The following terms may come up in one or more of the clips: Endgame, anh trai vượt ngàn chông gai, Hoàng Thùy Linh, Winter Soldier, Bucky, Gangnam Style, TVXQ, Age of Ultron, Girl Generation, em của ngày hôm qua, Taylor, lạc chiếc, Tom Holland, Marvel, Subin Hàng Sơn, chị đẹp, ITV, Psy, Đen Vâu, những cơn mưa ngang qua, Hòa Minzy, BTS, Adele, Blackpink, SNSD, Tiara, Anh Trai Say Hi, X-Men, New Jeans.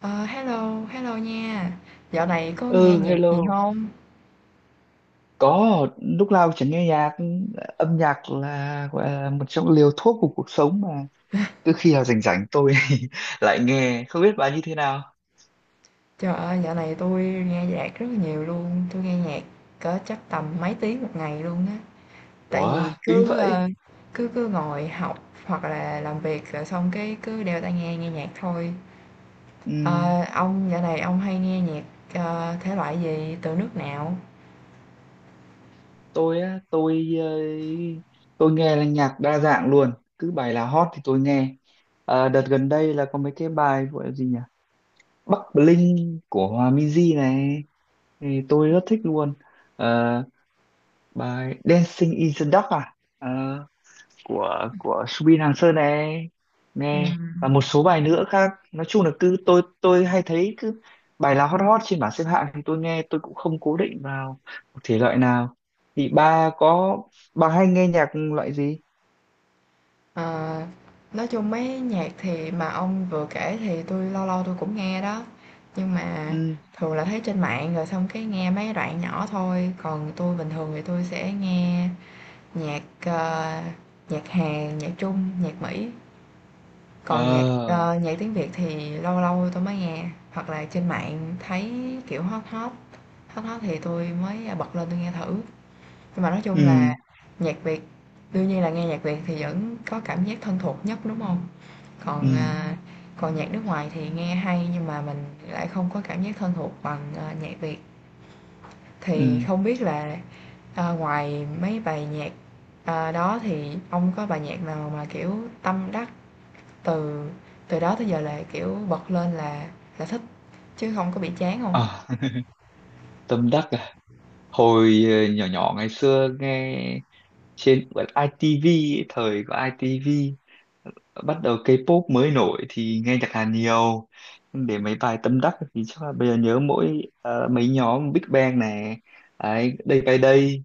Ờ, Hello, hello nha. Dạo này có nghe Ừ, nhạc gì hello. không? Có. Lúc nào chẳng nghe nhạc? Âm nhạc là gọi là một trong liều thuốc của cuộc sống mà. Cứ khi nào rảnh rảnh tôi lại nghe, không biết bà như thế nào. Trời ơi, dạo này tôi nghe nhạc rất là nhiều luôn. Tôi nghe nhạc cỡ chắc tầm mấy tiếng một ngày luôn á. Tại Ủa, vì kính vậy? Cứ cứ ngồi học hoặc là làm việc rồi xong cái cứ đeo tai nghe nghe nhạc thôi. Ừm, Ờ, ông dạo này ông hay nghe nhạc thể loại gì từ nước nào? tôi á? Tôi nghe là nhạc đa dạng luôn. Cứ bài nào hot thì tôi nghe. Đợt gần đây là có mấy cái bài gọi là gì nhỉ? Bắc Bling của Hòa Minzy này thì tôi rất thích luôn. Ờ, Bài Dancing in the Dark à? Ờ, của Subin Hàng Sơn này, Ừ. nghe, và một số bài nữa khác. Nói chung là cứ tôi hay thấy cứ bài nào hot hot trên bảng xếp hạng thì tôi nghe. Tôi cũng không cố định vào một thể loại nào. Thì ba có, bà hay nghe nhạc loại gì? Ờ, nói chung mấy nhạc thì mà ông vừa kể thì tôi lâu lâu tôi cũng nghe đó, nhưng mà Ừ. thường là thấy trên mạng rồi xong cái nghe mấy đoạn nhỏ thôi. Còn tôi bình thường thì tôi sẽ nghe nhạc, nhạc Hàn, nhạc Trung, nhạc Mỹ. Còn Ờ. Nhạc tiếng Việt thì lâu lâu tôi mới nghe, hoặc là trên mạng thấy kiểu hot hot thì tôi mới bật lên tôi nghe thử. Nhưng mà nói chung là Ừ. nhạc Việt, đương nhiên là nghe nhạc Việt thì vẫn có cảm giác thân thuộc nhất, đúng không? Còn, Ừ. à, còn nhạc nước ngoài thì nghe hay nhưng mà mình lại không có cảm giác thân thuộc bằng, nhạc Việt. Ừ. Thì không biết là, ngoài mấy bài nhạc, đó thì ông có bài nhạc nào mà, kiểu, tâm đắc từ từ đó tới giờ là, kiểu, bật lên là thích, chứ không có bị chán không? Ờ. Tâm Đắc à? Hồi nhỏ nhỏ ngày xưa nghe trên bật ITV ấy, thời của ITV bắt đầu K-pop mới nổi thì nghe nhạc Hàn nhiều. Để mấy bài tâm đắc thì chắc là bây giờ nhớ mỗi mấy nhóm Big Bang này đấy, Day by Day,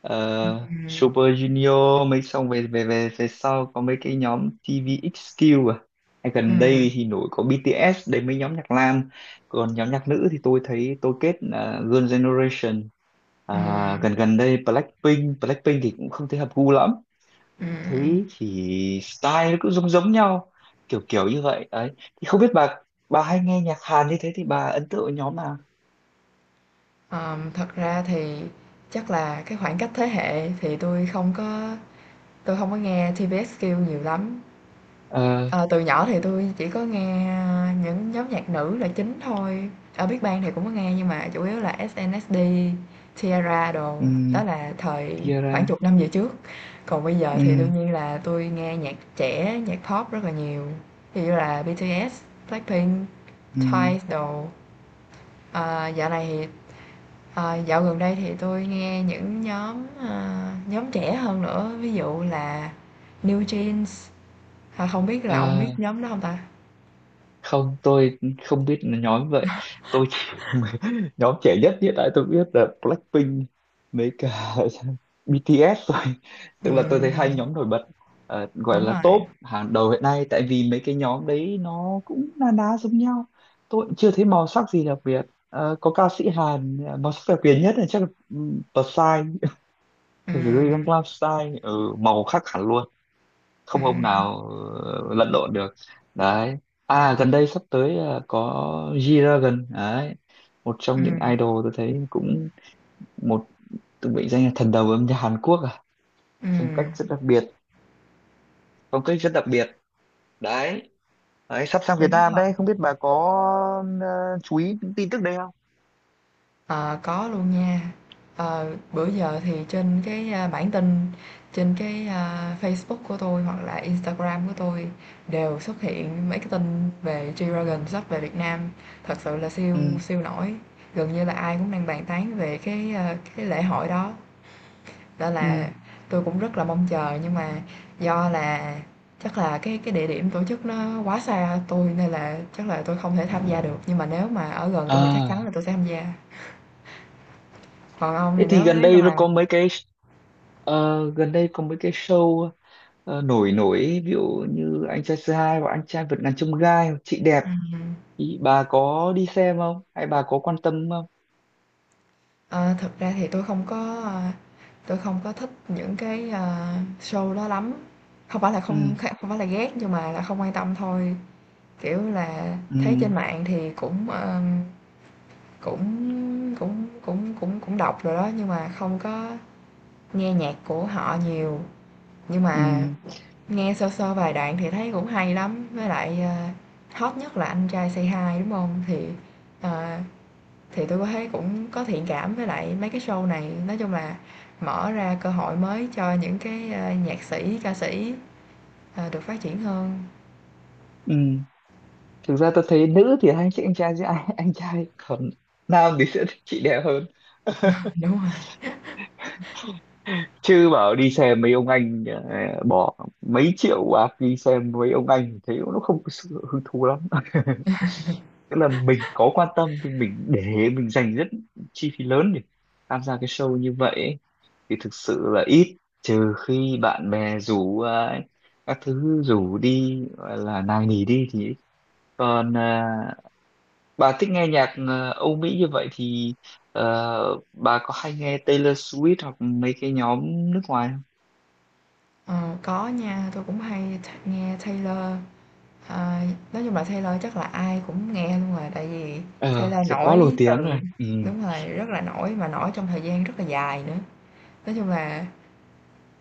ờ, Ừm, Super Junior, mấy xong về về về về sau có mấy cái nhóm TVXQ à. Hay gần ừm, đây thì nổi có BTS đấy, mấy nhóm nhạc nam. Còn nhóm nhạc nữ thì tôi thấy tôi kết là Girl Generation. À, ừm, gần gần đây Blackpink, thì cũng không thấy hợp gu lắm. ừm, Thế thì style nó cũng giống giống nhau, kiểu kiểu như vậy ấy. Thì không biết bà hay nghe nhạc Hàn như thế thì bà ấn tượng với nhóm nào? Thật ra thì chắc là cái khoảng cách thế hệ thì tôi không có nghe TVXQ nhiều lắm. Ờ. Ờ, từ nhỏ thì tôi chỉ có nghe những nhóm nhạc nữ là chính thôi. Ở Big Bang thì cũng có nghe nhưng mà chủ yếu là SNSD, Tiara đồ, đó um, là thời khoảng Tiara. chục năm về trước. Còn bây giờ thì đương nhiên là tôi nghe nhạc trẻ, nhạc pop rất là nhiều. Ví dụ như là BTS, Blackpink, Twice um, đồ. Ờ, dạo này thì Dạo gần đây thì tôi nghe những nhóm, nhóm trẻ hơn nữa, ví dụ là New Jeans. Ờ, không biết là ông biết nhóm đó không ta? Không, tôi không biết là nhóm vậy. Tôi chỉ nhóm trẻ nhất hiện tại tôi biết là Blackpink mấy cả BTS rồi. Tức là tôi thấy hai Ừm, nhóm nổi bật, gọi đúng là rồi. top hàng đầu hiện nay, tại vì mấy cái nhóm đấy nó cũng na ná giống nhau. Tôi cũng chưa thấy màu sắc gì đặc biệt. Có ca sĩ Hàn màu sắc đặc biệt nhất là chắc là Psy, phải gửi Ừm, Gangnam Style, màu khác hẳn luôn, không hôm ừm, nào lẫn lộn được. Đấy. À, gần đây sắp tới có G-Dragon đấy, một trong những ừm, idol tôi thấy cũng một, từng bị danh là thần đầu âm nhạc Hàn Quốc à, phong cách ừm, rất đặc biệt, phong cách rất đặc biệt. Đấy, sắp sang Việt đúng. Nam đấy, không biết bà có ờ, chú ý những tin tức đấy không? Ờ, có luôn nha. Ờ, bữa giờ thì trên bản tin, trên Facebook của tôi hoặc là Instagram của tôi đều xuất hiện mấy cái tin về G-Dragon sắp về Việt Nam. Thật sự là siêu Ừ. siêu nổi. Gần như là ai cũng đang bàn tán về cái lễ hội đó. Đó Ừ. là tôi cũng rất là mong chờ nhưng mà do là chắc là cái địa điểm tổ chức nó quá xa tôi nên là chắc là tôi không thể tham gia được. Nhưng mà nếu mà ở gần tôi thì chắc chắn là À. tôi sẽ tham gia. Còn ông thì Thế thì nếu nếu như mà gần đây có mấy cái show nổi nổi, ví dụ như anh trai C2 và anh trai vượt ngàn chông gai, chị đẹp. ừm, Ý, bà có đi xem không? Hay bà có quan tâm không? ờ, thực ra thì tôi không có, tôi không có thích những cái, show đó lắm. Ừ, Không phải là ghét nhưng mà là không quan tâm thôi, kiểu là, thấy ừ, trên mạng thì cũng, cũng cũng cũng cũng cũng đọc rồi đó, nhưng mà không có nghe nhạc của họ nhiều. Nhưng mà ừ, nghe sơ sơ vài đoạn thì thấy cũng hay lắm, với lại, hot nhất là Anh Trai Say Hi, đúng không? Ờ Thì tôi có thấy cũng có thiện cảm với lại mấy cái show này, nói chung là mở ra cơ hội mới cho những cái, a, nhạc sĩ, ca sĩ, được phát triển hơn. ừ. Thực ra tôi thấy nữ thì anh trai, còn nam thì sẽ thích chị đẹp hơn. Đúng rồi, Chứ bảo đi xem mấy ông anh, bỏ mấy triệu bạc đi xem mấy ông anh thì thấy nó không có sự hứng thú lắm. Tức là mình có quan tâm, nhưng mình để mình dành rất chi phí lớn để tham gia cái show như vậy thì thực sự là ít, trừ khi bạn bè rủ à, các thứ rủ đi gọi là nài nỉ đi thì ít. Còn à, bà thích nghe nhạc à, Âu Mỹ như vậy thì bà có hay nghe Taylor Swift hoặc mấy cái nhóm nước ngoài không? ờ, có nha, tôi cũng hay th nghe Taylor, ờ, nói chung là Taylor chắc là ai cũng nghe luôn rồi, tại vì Ờ, Taylor sẽ quá nổi nổi tiếng từ rồi. Ừ. đúng rồi, rất là nổi mà nổi trong thời gian rất là dài nữa. Nói chung là,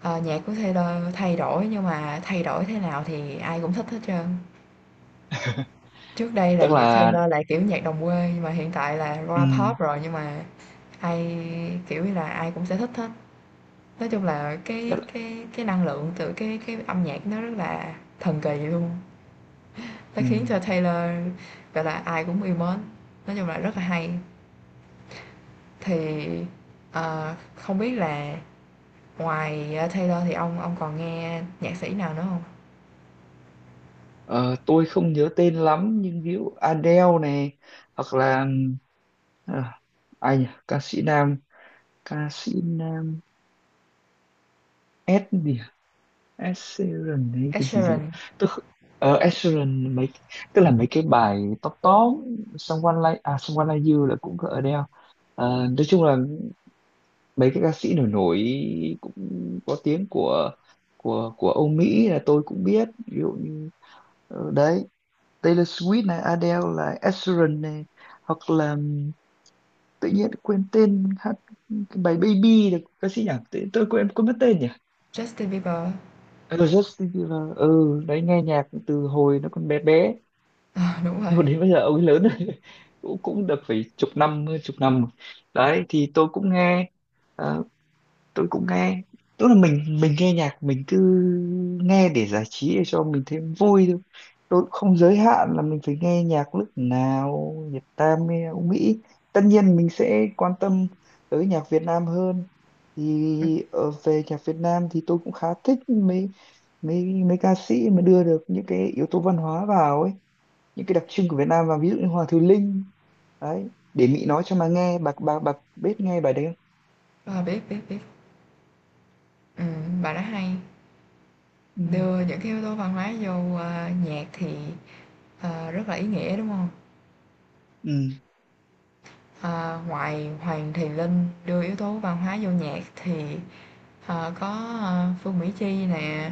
nhạc của Taylor thay đổi nhưng mà thay đổi thế nào thì ai cũng thích hết trơn. Trước đây là Tức nhạc là. Taylor là kiểu nhạc đồng quê nhưng mà hiện tại là rap Ừ. pop rồi, nhưng mà ai kiểu như là ai cũng sẽ thích hết. Nói chung là Tức cái là. cái cái năng lượng từ cái âm nhạc nó rất là thần kỳ luôn. Nó Ừ. khiến cho Taylor gọi là ai cũng yêu mến. Nói chung là rất là hay. Thì không biết là ngoài Taylor thì ông còn nghe nhạc sĩ nào nữa không? Ờ, tôi không nhớ tên lắm, nhưng ví dụ Adele này, hoặc là ừ, ờ, ai nhỉ? Ca sĩ nam, ca sĩ nam S gì, Asheron hay Ed cái gì gì. Sheeran, Tôi kh- ờ Asheron mấy, tức là mấy cái bài top top, Someone Like You là cũng có Adele. Nói chung là mấy cái ca sĩ nổi nổi cũng có tiếng của Âu Mỹ là tôi cũng biết, ví dụ như đấy, Taylor Swift này, Adele, là Asheron này, hoặc là tự nhiên quên tên hát cái bài Baby là ca sĩ nhỉ, tôi quên quên mất tên nhỉ. Justin Bieber. Ừ, Justin Bieber, đấy, nghe nhạc từ hồi nó còn bé bé. Ờ, đúng rồi. Hồi đến bây giờ ông ấy lớn rồi. cũng cũng được phải chục năm, hơn chục năm rồi. Đấy thì tôi cũng nghe, ờ, tôi cũng nghe tức là mình nghe nhạc mình cứ nghe để giải trí, để cho mình thêm vui thôi. Tôi cũng không giới hạn là mình phải nghe nhạc nước nào, Việt Nam hay Âu Mỹ. Tất nhiên mình sẽ quan tâm tới nhạc Việt Nam hơn. Ừ. Thì về nhạc Việt Nam thì tôi cũng khá thích mấy mấy mấy ca sĩ mà đưa được những cái yếu tố văn hóa vào ấy, những cái đặc trưng của Việt Nam vào, ví dụ như Hoàng Thùy Linh đấy, để Mỹ nói cho mà nghe bạc bạc bạc, biết nghe bài đấy không? Ờ, biết biết biết. Ừ, bà đó hay. Ừ. Đưa những cái yếu tố văn hóa vô, a, nhạc thì, rất là ý nghĩa, đúng không? Ừ. Ờ, ngoài Hoàng Thùy Linh đưa yếu tố văn hóa vô nhạc thì, có, Phương Mỹ Chi nè,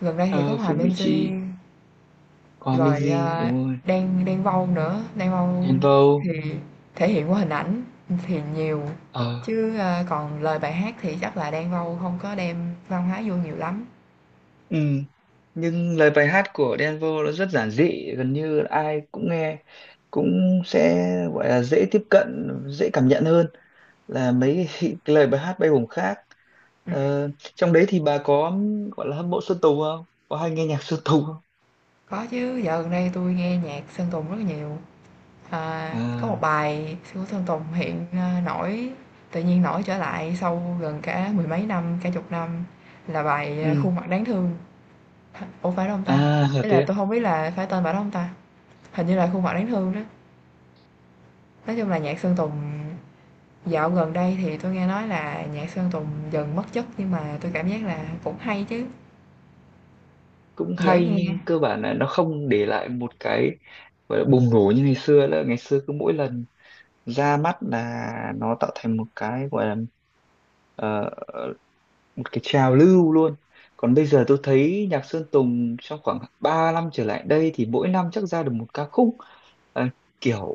gần đây thì có ờ, Hòa Phương Mỹ Minzy, Chi, Hòa rồi, Minzy a, đúng rồi, Đen Đen Vâu nữa, Đen Vâu Đen Vâu. thì thể hiện qua hình ảnh thì nhiều, Ờ. chứ, a, còn lời bài hát thì chắc là Đen Vâu không có đem văn hóa vô nhiều lắm. Ừ. Nhưng lời bài hát của Đen Vâu nó rất giản dị, gần như là ai cũng nghe cũng sẽ gọi là dễ tiếp cận, dễ cảm nhận hơn là mấy cái lời bài hát bay bổng khác. Ừm, Ờ, Trong đấy thì bà có gọi là hâm mộ Sơn Tùng không? Có hay nghe nhạc Sơn Tùng không? có chứ, dạo gần đây tôi nghe nhạc Sơn Tùng rất là nhiều. À, có một À. bài Sư Tử Sơn Tùng hiện, nổi tự nhiên nổi trở lại sau gần cả mười mấy năm, cả chục năm là bài, Ừ. "Khuôn mặt đáng thương." H ủa, phải đó hông ta? À, là Ý là thế. À? tôi không biết là phải tên bài đó hông ta? Hình như là "Khuôn mặt đáng thương" đó. Nói chung là nhạc Sơn Tùng dạo gần đây thì tôi nghe nói là nhạc Sơn Tùng dần mất chất nhưng mà tôi cảm giác là cũng hay chứ, Cũng dễ hay nghe, nhưng cơ bản là nó không để lại một cái gọi là bùng nổ như ngày xưa nữa. Ngày xưa cứ mỗi lần ra mắt là nó tạo thành một cái gọi là ờ, một cái trào lưu luôn. Còn bây giờ tôi thấy nhạc Sơn Tùng trong khoảng 3 năm trở lại đây thì mỗi năm chắc ra được một ca khúc. Ờ, Kiểu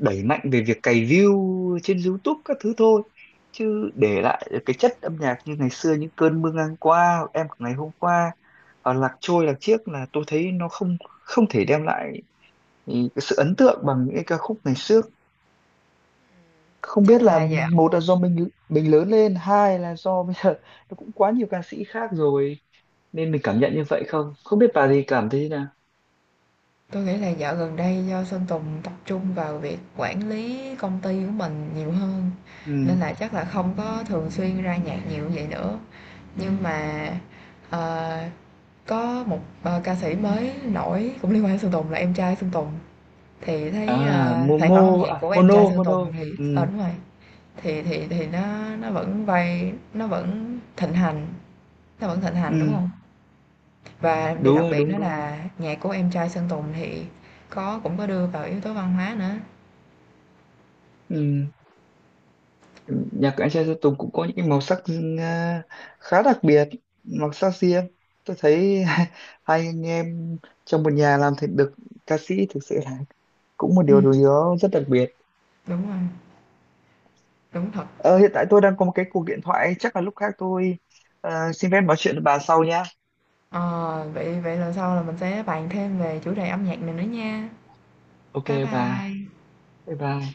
đẩy mạnh về việc cày view trên YouTube các thứ thôi, chứ để lại cái chất âm nhạc như ngày xưa những cơn mưa ngang qua, hoặc em của ngày hôm qua, hoặc lạc trôi lạc chiếc là tôi thấy nó không không thể đem lại cái sự ấn tượng bằng những cái ca khúc ngày xưa. Không chắc biết là là do một là do mình lớn lên, hai là do bây giờ nó cũng quá nhiều ca sĩ khác rồi, nên mình cảm nhận như vậy không. Không biết bà thì cảm thấy thế nào. tôi nghĩ là dạo gần đây do Sơn Tùng tập trung vào việc quản lý công ty của mình nhiều hơn Ừ. nên là chắc là không có thường xuyên ra nhạc nhiều như vậy nữa. Nhưng mà, ờ, có một, ca sĩ mới nổi cũng liên quan đến Sơn Tùng là em trai Sơn Tùng, thì À, thấy, sản momo, phẩm âm nhạc à của em mono trai Sơn mono. Tùng thì Ừ. ờ, đúng rồi, thì nó vẫn vay nó vẫn thịnh hành, nó vẫn thịnh hành, đúng Ừ. không? Và điều Đúng đặc rồi, biệt đúng đó đúng rồi. là nhạc của em trai Sơn Tùng thì cũng có đưa vào yếu tố văn hóa nữa. Ừ. Nhạc của anh trai Sơn Tùng cũng có những cái màu sắc khá đặc biệt, màu sắc riêng. Tôi thấy hai anh em trong một nhà làm thành được ca sĩ thực sự là cũng một Ừm. điều gì đó rất đặc biệt. Đúng rồi, đúng thật. Ờ, Hiện tại tôi đang có một cái cuộc điện thoại, chắc là lúc khác tôi xin phép nói chuyện với bà sau nhá. Ờ, vậy vậy lần sau là mình sẽ bàn thêm về chủ đề âm nhạc này nữa nha. Ok. Bye Bà. bye. Bye bye.